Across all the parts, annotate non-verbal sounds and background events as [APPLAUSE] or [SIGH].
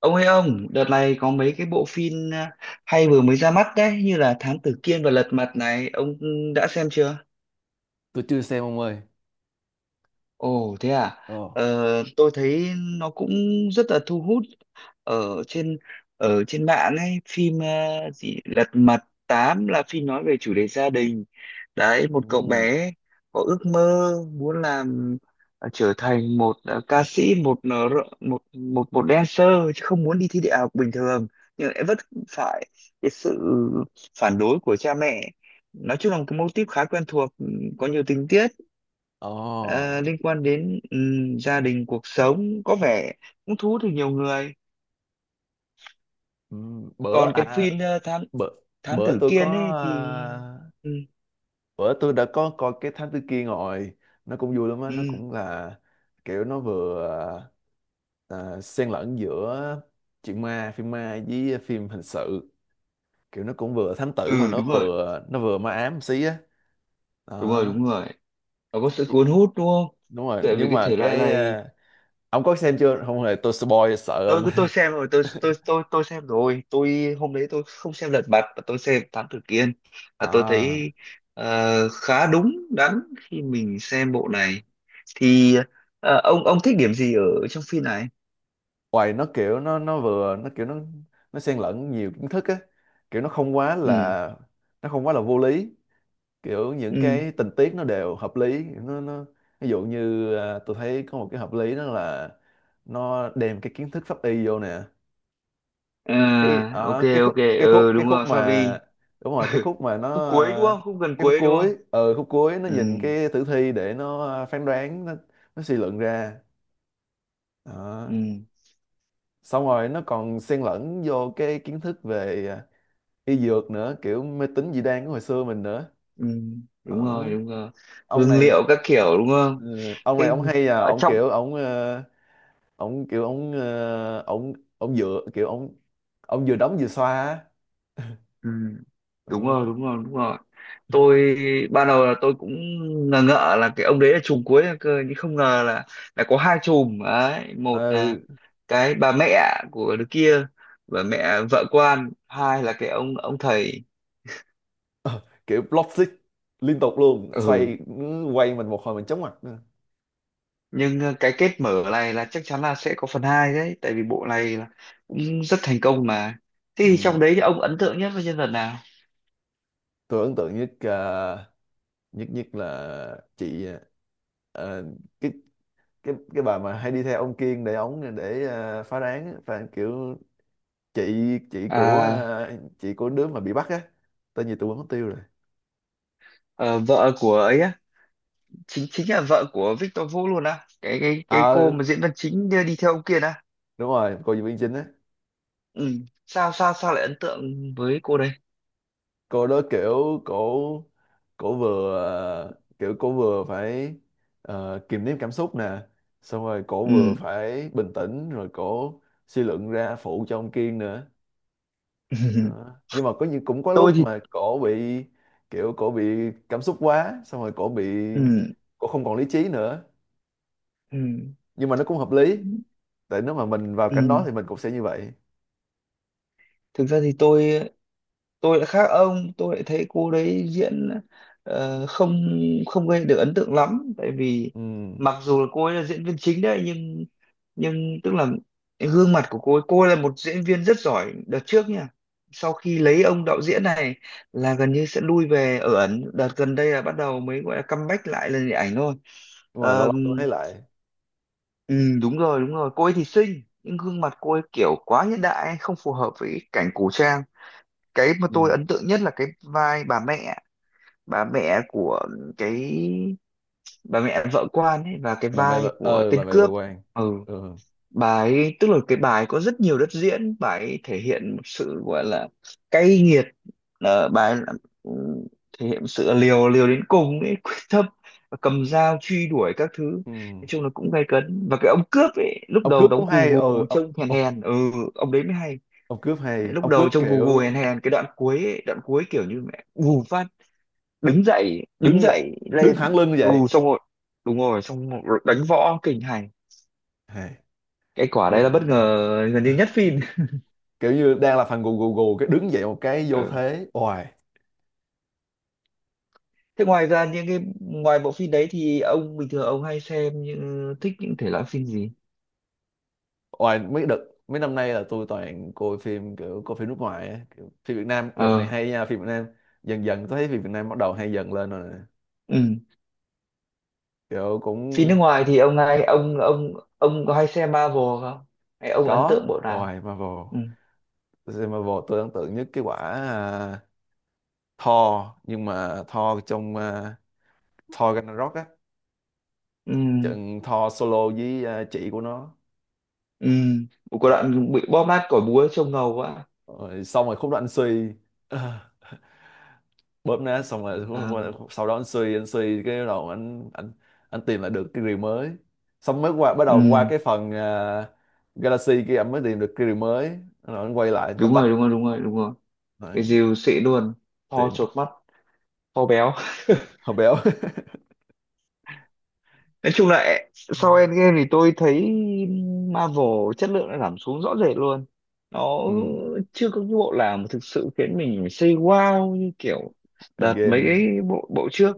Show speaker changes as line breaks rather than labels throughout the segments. Ông ơi ông, đợt này có mấy cái bộ phim à, hay vừa mới ra mắt đấy, như là Thám Tử Kiên và Lật Mặt này, ông đã xem chưa?
Tôi chưa xem ông ơi.
Ồ thế à?
Ờ.
Ờ, tôi thấy nó cũng rất là thu hút ở trên ở trên mạng ấy, phim gì Lật Mặt 8 là phim nói về chủ đề gia đình. Đấy, một cậu
Ừm.
bé có ước mơ muốn trở thành một ca sĩ, một ờ, r- một một một dancer, chứ không muốn đi thi đại học bình thường, nhưng lại vấp phải cái sự phản đối của cha mẹ. Nói chung là một cái mô típ khá quen thuộc, có nhiều tình tiết
Ờ.
ờ, liên quan đến gia đình, cuộc sống, có vẻ cũng thu hút được nhiều người.
Ừm. Bữa
Còn cái
à
phim ờ, thám
bữa,
thám
bữa
tử
tôi có,
Kiên ấy thì
à,
ừ,
bữa tôi đã có coi cái Thám Tử Kiên rồi. Nó cũng vui lắm á, nó
ừ,
cũng là kiểu nó vừa, xen lẫn giữa chuyện ma, phim ma với phim hình sự. Kiểu nó cũng vừa thám tử mà
ừ,
nó
đúng rồi,
vừa nó vừa ma ám một xí á.
đúng rồi,
Đó.
đúng rồi, nó có sự cuốn hút đúng không,
Đúng rồi,
tại vì
nhưng
cái
mà
thể loại này.
ông có xem chưa? Không hề, tôi spoil sợ ông.
Tôi
[LAUGHS]
xem rồi, tôi xem rồi, tôi hôm đấy tôi không xem Lật Mặt mà tôi xem Thám Tử Kiên, và tôi
À.
thấy khá đúng đắn khi mình xem bộ này. Thì ông thích điểm gì ở trong phim này?
Hoài nó kiểu nó vừa nó kiểu nó xen lẫn nhiều kiến thức á, kiểu
Ừ,
nó không quá là vô lý, kiểu những
ừ,
cái tình tiết nó đều hợp lý nó Ví dụ như, tôi thấy có một cái hợp lý đó là nó đem cái kiến thức pháp y vô nè. Cái
à, ok,
ở cái khúc
ok,
cái khúc
ừ
cái
đúng
khúc
rồi
mà
Favi.
đúng rồi, cái khúc mà
Khúc cuối đúng
à,
không, khúc gần
cái khúc
cuối đúng không?
cuối, khúc cuối nó
Ừ,
nhìn cái tử thi để phán đoán nó suy luận ra. Đó.
ừ,
Xong rồi nó còn xen lẫn vô cái kiến thức về y dược nữa, kiểu mê tín dị đoan của hồi xưa mình nữa.
ừ, đúng
Đó.
rồi, đúng rồi.
Ông
Hương
này
liệu các kiểu đúng không?
ừ, ông
Cái
này ông hay,
ở
ông
trong,
kiểu ông kiểu ông ờ, ông ông dựa, kiểu ông vừa đóng vừa xoa á.
ừ, đúng rồi,
Ừ.
đúng rồi, đúng rồi. Tôi ban đầu là tôi cũng ngờ ngợ là cái ông đấy là trùm cuối cơ, nhưng không ngờ là có hai trùm đấy, một
Ờ,
là cái bà mẹ của đứa kia, bà mẹ vợ quan, hai là cái ông thầy.
kiểu block stick liên tục luôn,
Ừ,
xoay ừ, quay mình một hồi mình chóng mặt nữa.
nhưng cái kết mở này là chắc chắn là sẽ có phần 2 đấy, tại vì bộ này là cũng rất thành công mà. Thế thì
Ừ.
trong đấy thì ông ấn tượng nhất với nhân vật nào?
Tôi ấn tượng nhất ờ, nhất nhất là chị, ờ, cái cái bà mà hay đi theo ông Kiên để ống để phá án á, và kiểu chị của
À,
chị của đứa mà bị bắt á, tên gì tôi quên mất tiêu rồi.
ờ, vợ của ấy á, chính chính là vợ của Victor Vũ luôn á, cái cô
Ờ,
mà diễn viên chính đi đi theo ông kia á.
đúng rồi, cô diễn viên chính á.
Ừ. sao sao sao lại ấn tượng với cô đây?
Cô đó kiểu cổ cổ vừa kiểu cổ vừa phải kiềm nén cảm xúc nè, xong rồi cổ vừa
Ừ.
phải bình tĩnh, rồi cổ suy luận ra phụ cho ông Kiên nữa.
[LAUGHS]
Đó. Nhưng mà có những cũng có
Tôi
lúc
thì
mà cổ bị kiểu cổ bị cảm xúc quá, xong rồi cổ bị
ừ.
cổ không còn lý trí nữa.
Ừ.
Nhưng mà nó cũng hợp lý, tại nếu mà mình vào cảnh đó
Ừ.
thì mình cũng sẽ như vậy.
Thực ra thì tôi lại khác ông, tôi lại thấy cô đấy diễn không không gây được ấn tượng lắm, tại vì
Ừ. Nhưng
mặc dù là cô ấy là diễn viên chính đấy, nhưng tức là gương mặt của cô ấy, cô ấy là một diễn viên rất giỏi đợt trước nha, sau khi lấy ông đạo diễn này là gần như sẽ lui về ở ẩn, đợt gần đây là bắt đầu mới gọi là comeback lại lên điện ảnh thôi.
mà lâu lâu tôi
Ờm,
thấy lại.
ừ, đúng rồi, đúng rồi, cô ấy thì xinh nhưng gương mặt cô ấy kiểu quá hiện đại, không phù hợp với cái cảnh cổ trang. Cái mà tôi
Ừ.
ấn tượng nhất là cái vai bà mẹ, bà mẹ của cái, bà mẹ vợ quan ấy, và cái
Bà mẹ bà,
vai của
ờ
tên
bà mẹ bà
cướp.
Quan.
Ừ,
Ừ.
bà ấy tức là cái bà ấy có rất nhiều đất diễn, bà ấy thể hiện một sự gọi là cay nghiệt, ờ, bà ấy là- ừ, thể hiện sự liều liều đến cùng ấy, [LAUGHS] quyết tâm và cầm dao truy đuổi các thứ.
Ừ.
Nói chung là cũng gay cấn, và cái ông cướp ấy lúc
Ông
đầu
cướp cũng
đóng cù
hay, ừ
gù trông hèn
ông,
hèn. Ừ, ông đấy mới hay,
ông cướp hay,
lúc
ông
đầu
cướp
trông gù gù hèn
kiểu
hèn, cái đoạn cuối ấy, đoạn cuối kiểu như mẹ gù phát đứng dậy, đứng
đứng dậy,
dậy
đứng
lên.
thẳng lưng như
Ừ,
vậy,
xong rồi, đúng rồi, xong rồi đánh võ kinh hành,
hay.
cái quả đấy
Kiểu,
là bất ngờ gần như nhất phim.
kiểu như đang là phần gù gù gù cái đứng dậy một cái vô
Ừ.
thế oài.
Thế ngoài ra, những cái ngoài bộ phim đấy thì ông bình thường ông hay xem những, thích những thể loại phim gì?
Ngoài mấy đợt mấy năm nay là tôi toàn coi phim kiểu coi phim nước ngoài á. Kiểu phim Việt Nam đợt này
Ờ,
hay nha, phim Việt Nam dần dần tôi thấy phim Việt Nam bắt đầu hay dần lên rồi nè.
ừ.
Kiểu
Phim nước
cũng
ngoài thì ông hay ông có hay xem Marvel không, hay ông ấn tượng
có.
bộ nào?
Ngoài Marvel,
Ừ,
tôi xem Marvel tôi ấn tượng nhất cái quả, Thor, nhưng mà Thor trong, Thor Ragnarok á,
ừ,
trận Thor solo với, chị của nó.
ừ, có đoạn bị bóp nát cỏ búa trông ngầu quá.
Rồi xong rồi khúc đó anh suy, bóp nát xong rồi.
Ờ.
[LAUGHS] Sau đó anh suy, cái bắt đầu anh tìm lại được cái rìu mới, xong mới qua bắt đầu qua
Ừ,
cái phần, Galaxy kia, anh mới tìm được cái rìu mới rồi anh quay lại anh
đúng
comeback.
rồi, đúng rồi, đúng rồi, đúng rồi. Cái
Đấy,
dìu xị luôn, to
tiện
chột mắt, to béo. [LAUGHS]
hồi béo. [LAUGHS]
Nói chung là sau Endgame thì tôi thấy Marvel chất lượng đã giảm xuống rõ rệt luôn. Nó
Ừ,
chưa có cái bộ nào mà thực sự khiến mình say wow như kiểu đợt mấy
Endgame.
cái bộ bộ trước.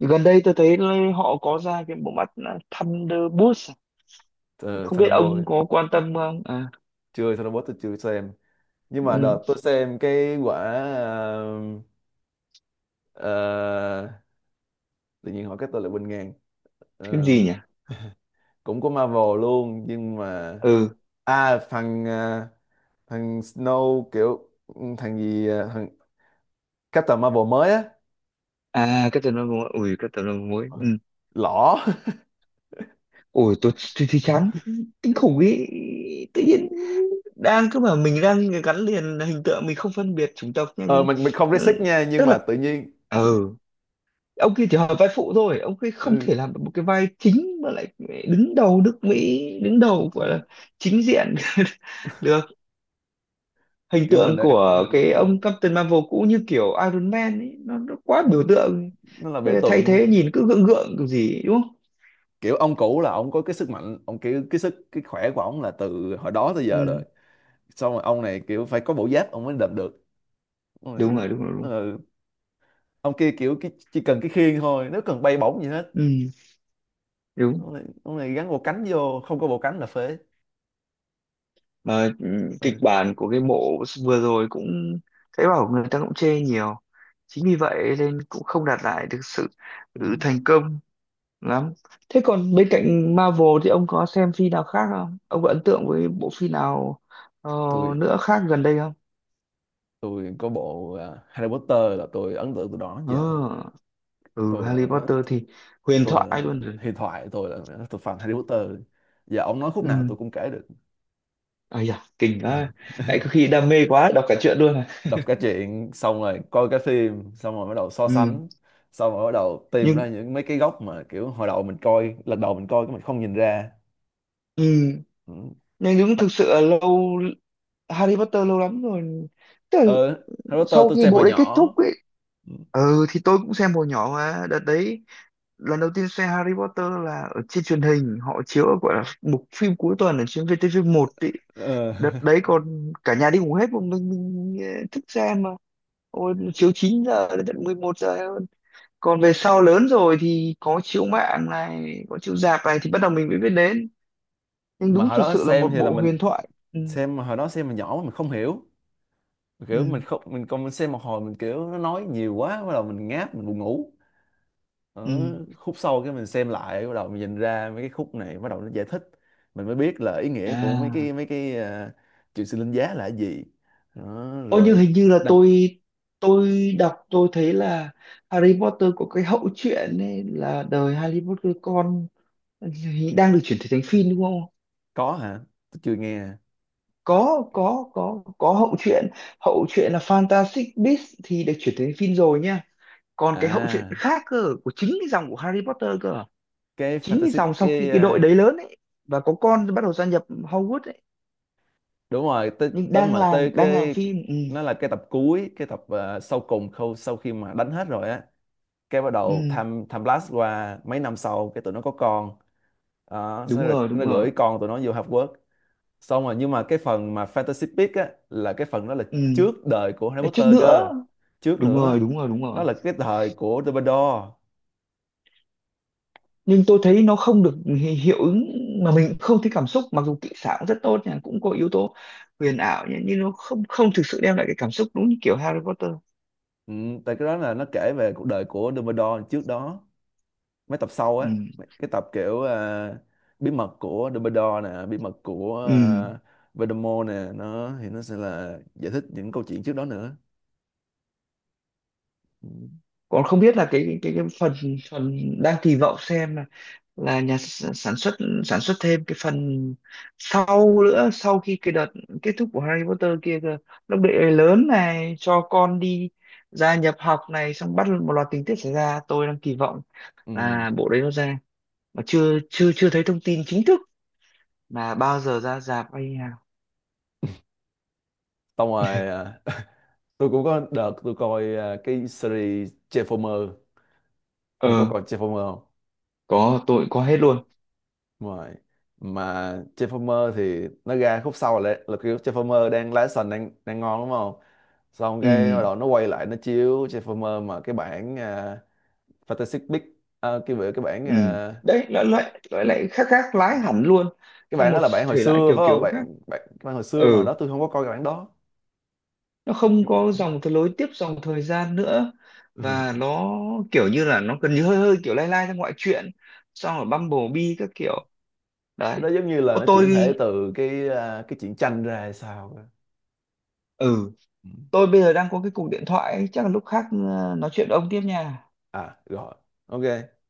Gần đây tôi thấy họ có ra cái bộ mắt là Thunderbolts. À? Không biết ông
Thunderbolt,
có quan tâm không? À,
chưa Thunderbolt tôi chưa xem. Nhưng mà
ừ,
đợt tôi xem cái quả ờ, ờ, tự nhiên hỏi cái tôi lại quên ngang.
cái
Ờ,
gì nhỉ?
cũng có Marvel luôn nhưng mà
Ừ,
phần, thằng Snow, kiểu thằng gì, thằng Captain Marvel mới á,
à, Captain Marvel, ui, Captain Marvel, ừ.
lỏ. [LAUGHS]
Ôi, tôi thấy chán kinh khủng ý, tự nhiên đang cứ bảo mình đang gắn liền hình tượng, mình không phân biệt chủng tộc nha,
Ờ
nhưng
mình không
ừ,
racist nha, nhưng
tức là
mà tự nhiên
ừ ông kia chỉ hỏi vai phụ thôi, ông kia không
ừ,
thể làm được một cái vai chính mà lại đứng đầu nước Mỹ, đứng đầu
ừ,
gọi là chính diện [LAUGHS] được. Hình
kiểu mình
tượng
đã
của
mình
cái ông Captain Marvel cũ như kiểu Iron Man ấy, nó quá
ừ,
biểu tượng,
nó là biểu
bây giờ thay
tượng.
thế nhìn cứ gượng gượng kiểu gì ấy, đúng không?
Kiểu ông cũ là ông có cái sức mạnh, ông kiểu cái sức cái khỏe của ông là từ hồi đó tới giờ rồi.
Ừ,
Xong rồi ông này kiểu phải có bộ giáp ông mới đập được. Ông này
đúng
kiểu,
rồi, đúng rồi, đúng,
ừ, ông kia kiểu cái, chỉ cần cái khiên thôi, nếu cần bay bổng gì hết.
ừ, đúng,
Ông này, ông này gắn bộ cánh vô, không có bộ cánh là phế.
mà kịch
Ừ.
bản của cái bộ vừa rồi cũng thấy bảo người ta cũng chê nhiều, chính vì vậy nên cũng không đạt lại được sự
Ừ.
thành công lắm. Thế còn bên cạnh Marvel thì ông có xem phim nào khác không, ông có ấn tượng với bộ phim nào ờ,
Tụi
nữa khác gần đây không?
tôi có bộ, Harry Potter là tôi ấn tượng từ đó đến
Ờ,
giờ.
ừ,
tôi
Harry
là
Potter thì huyền
tôi là
thoại luôn rồi.
tôi là tôi fan Harry Potter, giờ ông nói khúc nào
Ừ,
tôi cũng kể được.
ây da kinh quá, lại có
[LAUGHS]
khi đam mê quá đọc cả truyện luôn à.
Đọc cái chuyện xong rồi coi cái phim xong rồi bắt đầu so
Ừ,
sánh, xong rồi bắt đầu tìm
nhưng
ra những mấy cái góc mà kiểu hồi đầu mình coi lần đầu mình coi cái mình không nhìn ra.
ừ,
Ừ.
nhưng đúng, thực sự là lâu, Harry Potter lâu lắm rồi, tức là
Ờ, Harry Potter
sau
tôi
khi
xem hồi
bộ đấy kết
nhỏ.
thúc ấy. Ừ, thì tôi cũng xem hồi nhỏ mà, đợt đấy lần đầu tiên xem Harry Potter là ở trên truyền hình, họ chiếu ở gọi là mục phim cuối tuần ở trên VTV1 ấy.
Ờ.
Đợt đấy
[LAUGHS]
còn cả nhà đi ngủ hết, một mình thức xem mà. Ôi, chiếu 9 giờ đến tận 11 giờ hơn. Còn về sau lớn rồi thì có chiếu mạng này, có chiếu rạp này thì bắt đầu mình mới biết đến. Nhưng
Mà
đúng
hồi
thực
đó
sự là
xem
một
thì là
bộ
mình
huyền thoại. Ừ,
xem, mà hồi đó xem mà nhỏ mình không hiểu, kiểu mình
ừ,
không mình còn mình xem một hồi mình kiểu nó nói nhiều quá bắt đầu mình ngáp mình buồn ngủ ở
ừ.
khúc sau. Cái mình xem lại bắt đầu mình nhìn ra mấy cái khúc này bắt đầu nó giải thích, mình mới biết là ý nghĩa của mấy
À,
cái uh, chuyện sinh linh giá là cái gì. Đó,
ô nhưng
rồi
hình như là
đằng.
tôi đọc tôi thấy là Harry Potter có cái hậu truyện ấy, là đời Harry Potter con đang được chuyển thể thành phim đúng không?
Có hả, tôi chưa nghe.
Có hậu truyện là Fantastic Beasts thì được chuyển thể thành phim rồi nha. Còn cái hậu truyện
À
khác cơ, của chính cái dòng của Harry Potter cơ,
cái
chính cái
fantasy
dòng sau khi
cái,
cái đội đấy lớn ấy và có con bắt đầu gia nhập Hogwarts ấy,
đúng rồi tới
nhưng
tới
đang
mà
làm
tới
đang làm
cái
phim. Ừ,
nó là cái tập cuối, cái tập, sau cùng khâu sau khi mà đánh hết rồi á, cái bắt đầu
ừ,
tham tham blast qua mấy năm sau cái tụi nó có con. Đó, sẽ
đúng
là
rồi, đúng
nó
rồi.
gửi con tụi nó vô Half World. Xong rồi nhưng mà cái phần mà Fantasy Beasts á là cái phần đó là
Ừ.
trước đời của Harry
Để trước
Potter cơ.
nữa,
Trước
đúng
nữa.
rồi, đúng rồi, đúng
Đó
rồi,
là cái thời của Dumbledore.
nhưng tôi thấy nó không được hiệu ứng, mà mình không thấy cảm xúc, mặc dù kỹ xảo cũng rất tốt nha, cũng có yếu tố huyền ảo nhá, nhưng nó không không thực sự đem lại cái cảm xúc đúng như kiểu Harry Potter.
Ừ, tại cái đó là nó kể về cuộc đời của Dumbledore trước đó, mấy tập sau
Ừ.
á. Cái tập kiểu, bí mật của Dumbledore nè, bí mật của,
Ừ.
Voldemort nè, nó thì nó sẽ là giải thích những câu chuyện trước đó nữa. Ừ.
Còn không biết là cái phần phần đang kỳ vọng xem là, nhà sản xuất thêm cái phần sau nữa, sau khi cái đợt kết thúc của Harry Potter kia cơ, lúc đệ lớn này cho con đi gia nhập học này, xong bắt một loạt tình tiết xảy ra, tôi đang kỳ vọng
Ừ.
là bộ đấy nó ra, mà chưa chưa chưa thấy thông tin chính thức là bao giờ ra rạp hay như nào.
Xong rồi ờ, tôi cũng có đợt tôi coi, cái series Transformer. Ông có
Ờ,
coi Transformer không?
có, tôi có hết
Ừ,
luôn.
đúng rồi. Mà Transformer thì nó ra khúc sau là kiểu Transformer đang lái sành đang đang ngon đúng không, xong cái
Ừ,
bắt đầu nó quay lại nó chiếu Transformer mà cái bản, Fantastic Beasts, à, cái bữa- cái bản,
ừ, đấy nó lại khác, khác lái hẳn luôn,
cái
sang
bản đó
một
là bản hồi
thể loại
xưa
kiểu
phải không,
kiểu khác.
bản bản, cái bản hồi xưa mà hồi
Ừ,
đó tôi không có coi cái bản đó.
nó không có dòng thời lối tiếp dòng thời gian nữa,
[LAUGHS] Ừ.
và nó kiểu như là nó gần như hơi hơi kiểu lai lai trong ngoại truyện, xong rồi Bumblebee các kiểu
Cái
đấy.
đó giống như là
Ô,
nó chuyển thể
tôi
từ cái, cái truyện tranh ra hay sao á.
ừ,
Ừ.
tôi bây giờ đang có cái cuộc điện thoại ấy, chắc là lúc khác nói chuyện với ông tiếp nha.
À rồi, ok.